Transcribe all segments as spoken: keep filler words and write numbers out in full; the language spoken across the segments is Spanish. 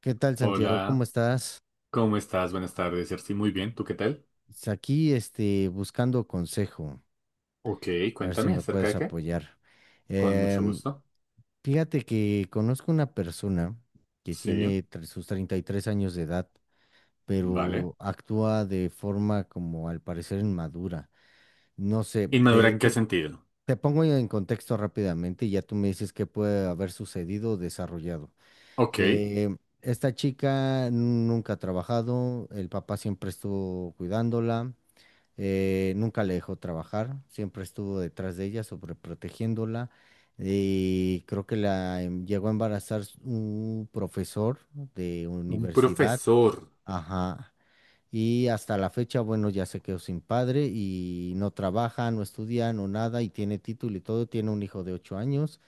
¿Qué tal, Santiago? ¿Cómo Hola, estás? ¿cómo estás? Buenas tardes, Jersey. Muy bien, ¿tú qué tal? Es Aquí, este, buscando consejo, Ok, a ver si cuéntame, me ¿acerca puedes de qué? apoyar. Con mucho Em, gusto. Fíjate que conozco una persona que Sí, tiene tre- sus treinta y tres años de edad, vale. pero actúa de forma como al parecer inmadura. No sé, ¿Inmadura te, en qué te sentido? te pongo en contexto rápidamente y ya tú me dices qué puede haber sucedido o desarrollado. Ok, Eh, Esta chica nunca ha trabajado, el papá siempre estuvo cuidándola, eh, nunca la dejó trabajar, siempre estuvo detrás de ella, sobreprotegiéndola. Y creo que la em- llegó a embarazar s- un profesor de un universidad, profesor. ajá. Y hasta la fecha, bueno, ya se quedó sin padre y no trabaja, no estudia, no nada, y tiene título y todo, tiene un hijo de ocho años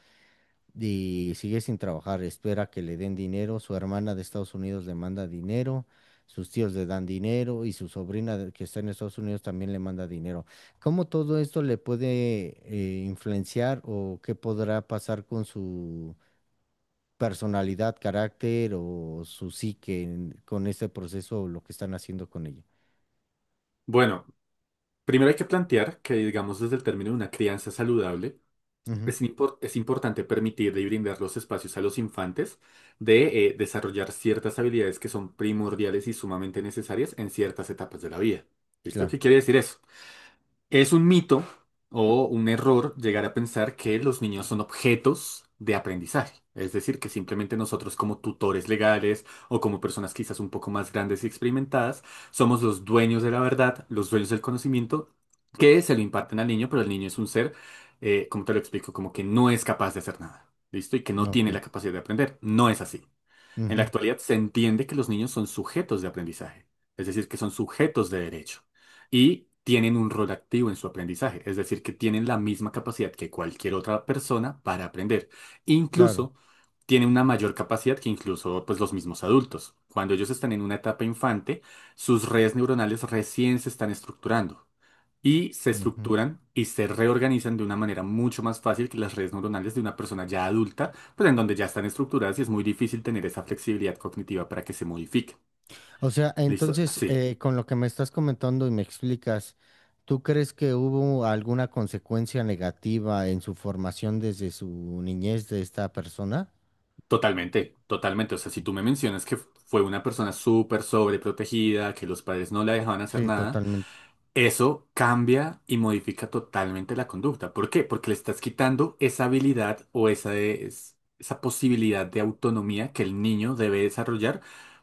y sigue sin trabajar, espera que le den dinero, su hermana de Estados Unidos le manda dinero, sus tíos le dan dinero y su sobrina de- que está en Estados Unidos también le manda dinero. ¿Cómo todo esto le puede eh, influenciar o qué podrá pasar con su personalidad, carácter o su psique en- con este proceso o lo que están haciendo con ella? Bueno, primero hay que plantear que, digamos, desde el término de una crianza saludable, Ujú, es, impor- es importante permitir y brindar los espacios a los infantes de eh, desarrollar ciertas habilidades que son primordiales y sumamente necesarias en ciertas etapas de la vida. ¿Listo? ¿Qué claro, quiere decir eso? Es un mito o un error llegar a pensar que los niños son objetos de aprendizaje. Es decir, que simplemente nosotros como tutores legales o como personas quizás un poco más grandes y experimentadas, somos los dueños de la verdad, los dueños del conocimiento que se lo imparten al niño, pero el niño es un ser, eh, como te lo explico, como que no es capaz de hacer nada. ¿Listo? Y que no ok, tiene la capacidad de aprender. No es así. En la ujú, actualidad se entiende que los niños son sujetos de aprendizaje, es decir, que son sujetos de derecho y tienen un rol activo en su aprendizaje, es decir, que tienen la misma capacidad que cualquier otra persona para aprender. claro. Incluso tienen una mayor capacidad que incluso pues, los mismos adultos. Cuando ellos están en una etapa infante, sus redes neuronales recién se están estructurando y se Ujú. estructuran y se reorganizan de una manera mucho más fácil que las redes neuronales de una persona ya adulta, pues en donde ya están estructuradas y es muy difícil tener esa flexibilidad cognitiva para que se modifique. O sea, ¿Listo? entonces, Sí, eh, con lo que me estás comentando y me explicas, ¿tú crees que hubo alguna consecuencia negativa en su formación desde su niñez de esta persona? totalmente, totalmente. O sea, si tú me mencionas que fue una persona súper sobreprotegida, que los padres no la dejaban hacer Sí, nada, totalmente. Eso cambia y modifica totalmente la conducta. ¿Por qué? Porque le estás quitando esa habilidad o esa, es- esa posibilidad de autonomía que el niño debe desarrollar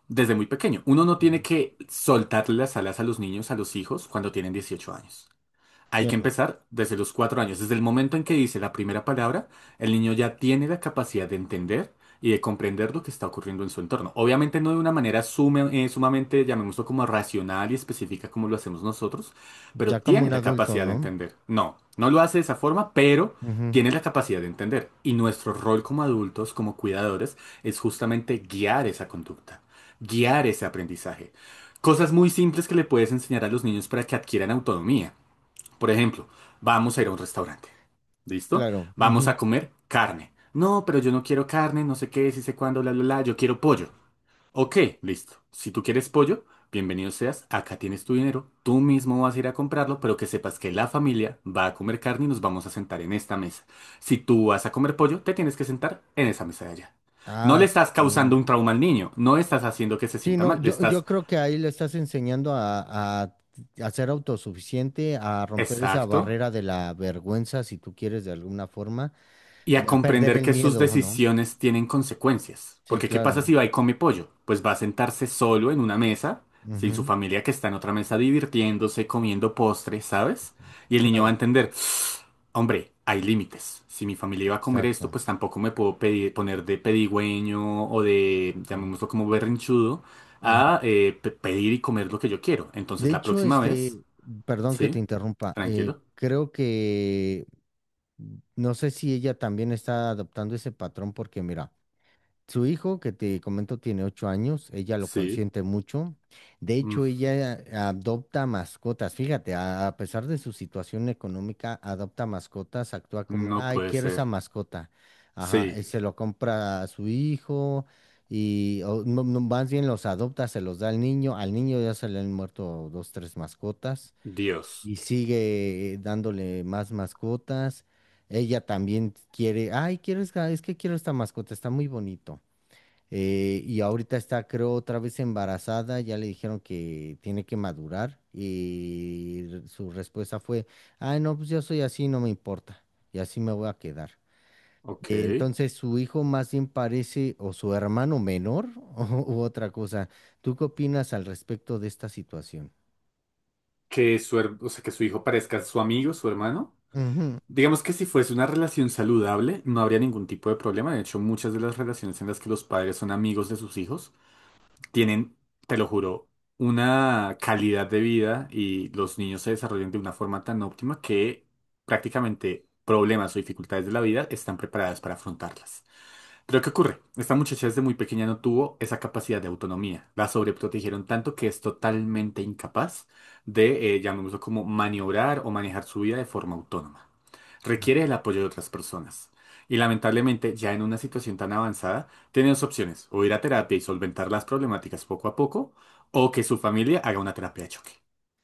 desde muy pequeño. Uno no tiene Ujú. que soltarle las alas a los niños, a los hijos, cuando tienen dieciocho años. Hay que Ya, empezar desde los cuatro años. Desde el momento en que dice la primera palabra, el niño ya tiene la capacidad de entender y de comprender lo que está ocurriendo en su entorno. Obviamente no de una manera sume- eh, sumamente, llamémoslo como racional y específica como lo hacemos nosotros, pero ya como un tiene la adulto, capacidad de ¿no? entender. No, no lo hace de esa forma, pero Ujú, tiene la capacidad de entender. Y nuestro rol como adultos, como cuidadores, es justamente guiar esa conducta, guiar ese aprendizaje. Cosas muy simples que le puedes enseñar a los niños para que adquieran autonomía. Por ejemplo, vamos a ir a un restaurante. ¿Listo? claro. Vamos Ujú. a comer carne. No, pero yo no quiero carne, no sé qué, si sé cuándo, la, la, la, yo quiero pollo. Ok, listo. Si tú quieres pollo, bienvenido seas, acá tienes tu dinero, tú mismo vas a ir a comprarlo, pero que sepas que la familia va a comer carne y nos vamos a sentar en esta mesa. Si tú vas a comer pollo, te tienes que sentar en esa mesa de allá. No Ah, le ok. estás causando un trauma al niño, no estás haciendo que se Sí, sienta no, mal, le yo, yo estás... creo que ahí le estás enseñando a, a, a ser autosuficiente, a romper esa Exacto. barrera de la vergüenza, si tú quieres, de alguna forma, Y a de- a perder comprender el que sus miedo, ¿no? decisiones tienen consecuencias. Sí, Porque ¿qué pasa claro. si va y come pollo? Pues va a sentarse solo en una mesa, sin su Ujú, familia que está en otra mesa divirtiéndose, comiendo postre, ¿sabes? Y el niño va a claro, entender, hombre, hay límites. Si mi familia iba a comer esto, exacto. pues tampoco me puedo pedir- poner de pedigüeño o de, Sí, llamémoslo como berrinchudo, ujú. a eh, pe- pedir y comer lo que yo quiero. De Entonces la hecho, próxima vez, este, perdón que te sí, interrumpa, eh, tranquilo, creo que mm, no sé si ella también está adoptando ese patrón porque mira, su hijo, que te comento, tiene ocho años, ella lo sí, consiente mucho. De mm, hecho, ella adopta mascotas. Fíjate, a, a pesar de su situación económica, adopta mascotas, actúa como, no ay, puede quiero esa ser, mascota. Ajá, y sí, se lo compra a su hijo y o, no, no, más bien los adopta, se los da al niño. Al niño ya se le han muerto dos, tres mascotas Dios. y sigue eh, dándole más mascotas. Ella también quiere, ay, quiero, esta- es que quiero esta mascota, está muy bonito. Eh, y ahorita está, creo, otra vez embarazada, ya le dijeron que tiene que madurar y r- su respuesta fue, ay, no, pues yo soy así, no me importa, y así me voy a quedar. Ok. Eh, entonces su hijo más bien parece o su hermano menor o, u otra cosa. ¿Tú qué opinas al respecto de esta situación? Que su, her- o sea, que su hijo parezca su amigo, su hermano. Ujú, Digamos que si fuese una relación saludable, no habría ningún tipo de problema. De hecho, muchas de las relaciones en las que los padres son amigos de sus hijos tienen, te lo juro, una calidad de vida y los niños se desarrollan de una forma tan óptima que prácticamente problemas o dificultades de la vida están preparadas para afrontarlas. Pero ¿qué ocurre? Esta muchacha desde muy pequeña no tuvo esa capacidad de autonomía. La sobreprotegieron tanto que es totalmente incapaz de, eh, llamémoslo como, maniobrar o manejar su vida de forma autónoma. Requiere el apoyo de otras personas. Y lamentablemente, ya en una situación tan avanzada, tiene dos opciones, o ir a terapia y solventar las problemáticas poco a poco, o que su familia haga una terapia de choque.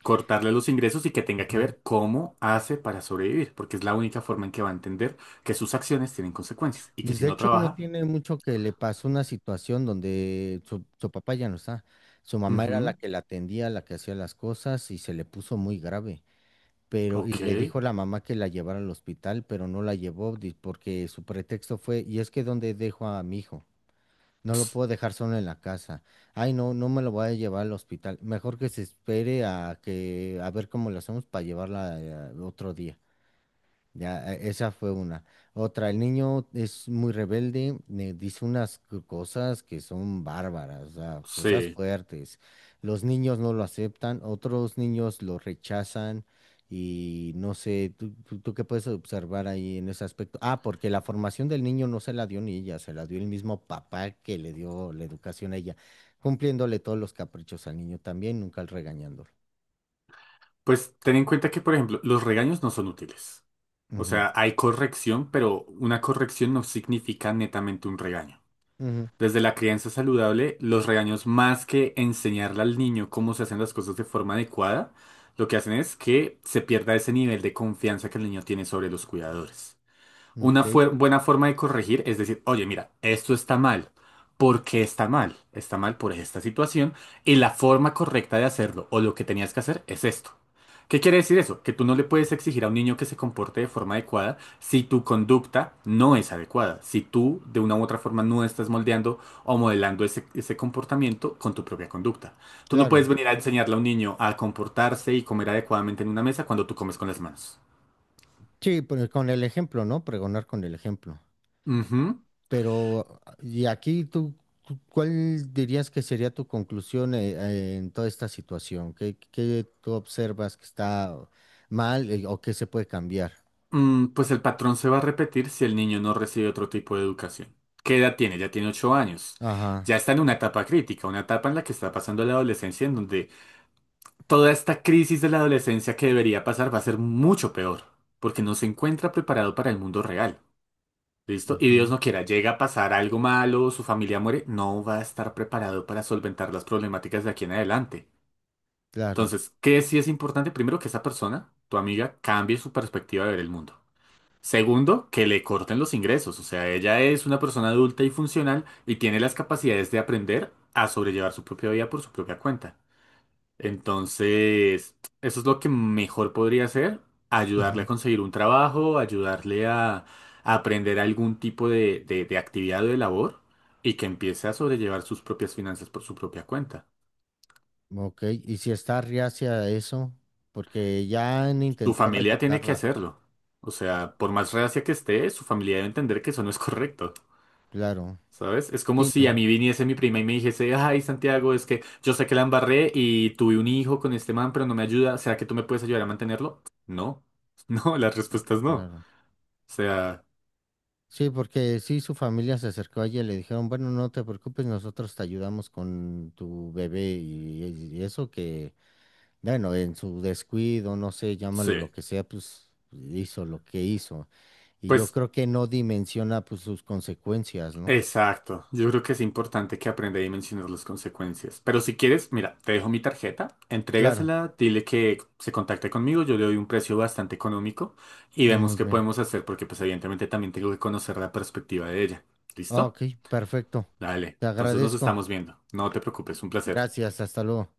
Cortarle los ingresos y que tenga que ujú. ver cómo hace para sobrevivir, porque es la única forma en que va a entender que sus acciones tienen consecuencias y que Pues si de no hecho no trabaja, tiene mucho que le pasó una situación donde su, su papá ya no está. Su mamá era la Ujú, que la atendía, la que hacía las cosas y se le puso muy grave. Pero, y Ok, le dijo la mamá que la llevara al hospital, pero no la llevó di- porque su pretexto fue, y es que ¿dónde dejo a mi hijo? No lo puedo dejar solo en la casa. Ay, no, no me lo voy a llevar al hospital. Mejor que se espere a que, a ver cómo lo hacemos para llevarla eh, otro día. Ya, e- esa fue una. Otra, el niño es muy rebelde, me dice unas c- cosas que son bárbaras, o sea, cosas sí. fuertes. Los niños no lo aceptan, otros niños lo rechazan y no sé, ¿tú, tú, tú qué puedes observar ahí en ese aspecto? Ah, porque la formación del niño no se la dio ni ella, se la dio el mismo papá que le dio la educación a ella, cumpliéndole todos los caprichos al niño también, nunca regañándolo. Pues ten en cuenta que, por ejemplo, los regaños no son útiles. O Ujú, sea, hay corrección, pero una corrección no significa netamente un regaño. Desde la crianza saludable, los regaños, más que enseñarle al niño cómo se hacen las cosas de forma adecuada, lo que hacen es que se pierda ese nivel de confianza que el niño tiene sobre los cuidadores. ujú, Una ok, fue- buena forma de corregir es decir, oye, mira, esto está mal. ¿Por qué está mal? Está mal por esta situación y la forma correcta de hacerlo o lo que tenías que hacer es esto. ¿Qué quiere decir eso? Que tú no le puedes exigir a un niño que se comporte de forma adecuada si tu conducta no es adecuada, si tú de una u otra forma no estás moldeando o modelando ese, ese comportamiento con tu propia conducta. Tú no puedes claro. venir a enseñarle a un niño a comportarse y comer adecuadamente en una mesa cuando tú comes con las manos. Sí, pues con el ejemplo, ¿no? Pregonar con el ejemplo. Ujú. Pero, y aquí tú, tú- ¿cuál dirías que sería tu conclusión eh, eh, en toda esta situación? ¿Qué, qué tú observas que está mal eh, o qué se puede cambiar? Mm, pues el patrón se va a repetir si el niño no recibe otro tipo de educación. ¿Qué edad tiene? Ya tiene ocho años. Ajá, Ya está en una etapa crítica, una etapa en la que está pasando la adolescencia, en donde toda esta crisis de la adolescencia que debería pasar va a ser mucho peor, porque no se encuentra preparado para el mundo real. ¿Listo? Y Dios ujú, no quiera, llega a pasar algo malo, su familia muere, no va a estar preparado para solventar las problemáticas de aquí en adelante. claro. Entonces, ¿qué sí es importante? Primero, que esa persona, tu amiga, cambie su perspectiva de ver el mundo. Segundo, que le corten los ingresos. O sea, ella es una persona adulta y funcional y tiene las capacidades de aprender a sobrellevar su propia vida por su propia cuenta. Entonces, eso es lo que mejor podría hacer, ayudarle a Ujú, conseguir un trabajo, ayudarle a, a aprender algún tipo de, de, de actividad o de labor y que empiece a sobrellevar sus propias finanzas por su propia cuenta. ok, y si está reacia a eso, porque ya han Su intentado familia tiene que ayudarla. hacerlo. O sea, por Ujú. más reacia que esté, su familia debe entender que eso no es correcto. Claro, ¿Sabes? Es como sí, si a ¿no? mí viniese mi prima y me dijese, ay, Santiago, es que yo sé que la embarré y tuve un hijo con este man, pero no me ayuda. ¿Será que tú me puedes ayudar a mantenerlo? No. No, la respuesta es no. O Claro. sea, Sí, porque sí, su familia se acercó a ella y le dijeron, bueno, no te preocupes, nosotros te ayudamos con tu bebé y, y eso que, bueno, en su descuido, no sé, llámalo lo sí. que sea, pues hizo lo que hizo. Y yo Pues, creo que no dimensiona pues sus consecuencias, ¿no? exacto. Yo creo que es importante que aprenda a dimensionar las consecuencias. Pero si quieres, mira, te dejo mi tarjeta, Claro, entrégasela, dile que se contacte conmigo, yo le doy un precio bastante económico y vemos muy qué bien. podemos hacer porque pues evidentemente también tengo que conocer la perspectiva de ella. Ah, ¿Listo? ok, perfecto. Dale, Te entonces nos agradezco. estamos viendo. No te preocupes, un placer. Gracias, hasta luego.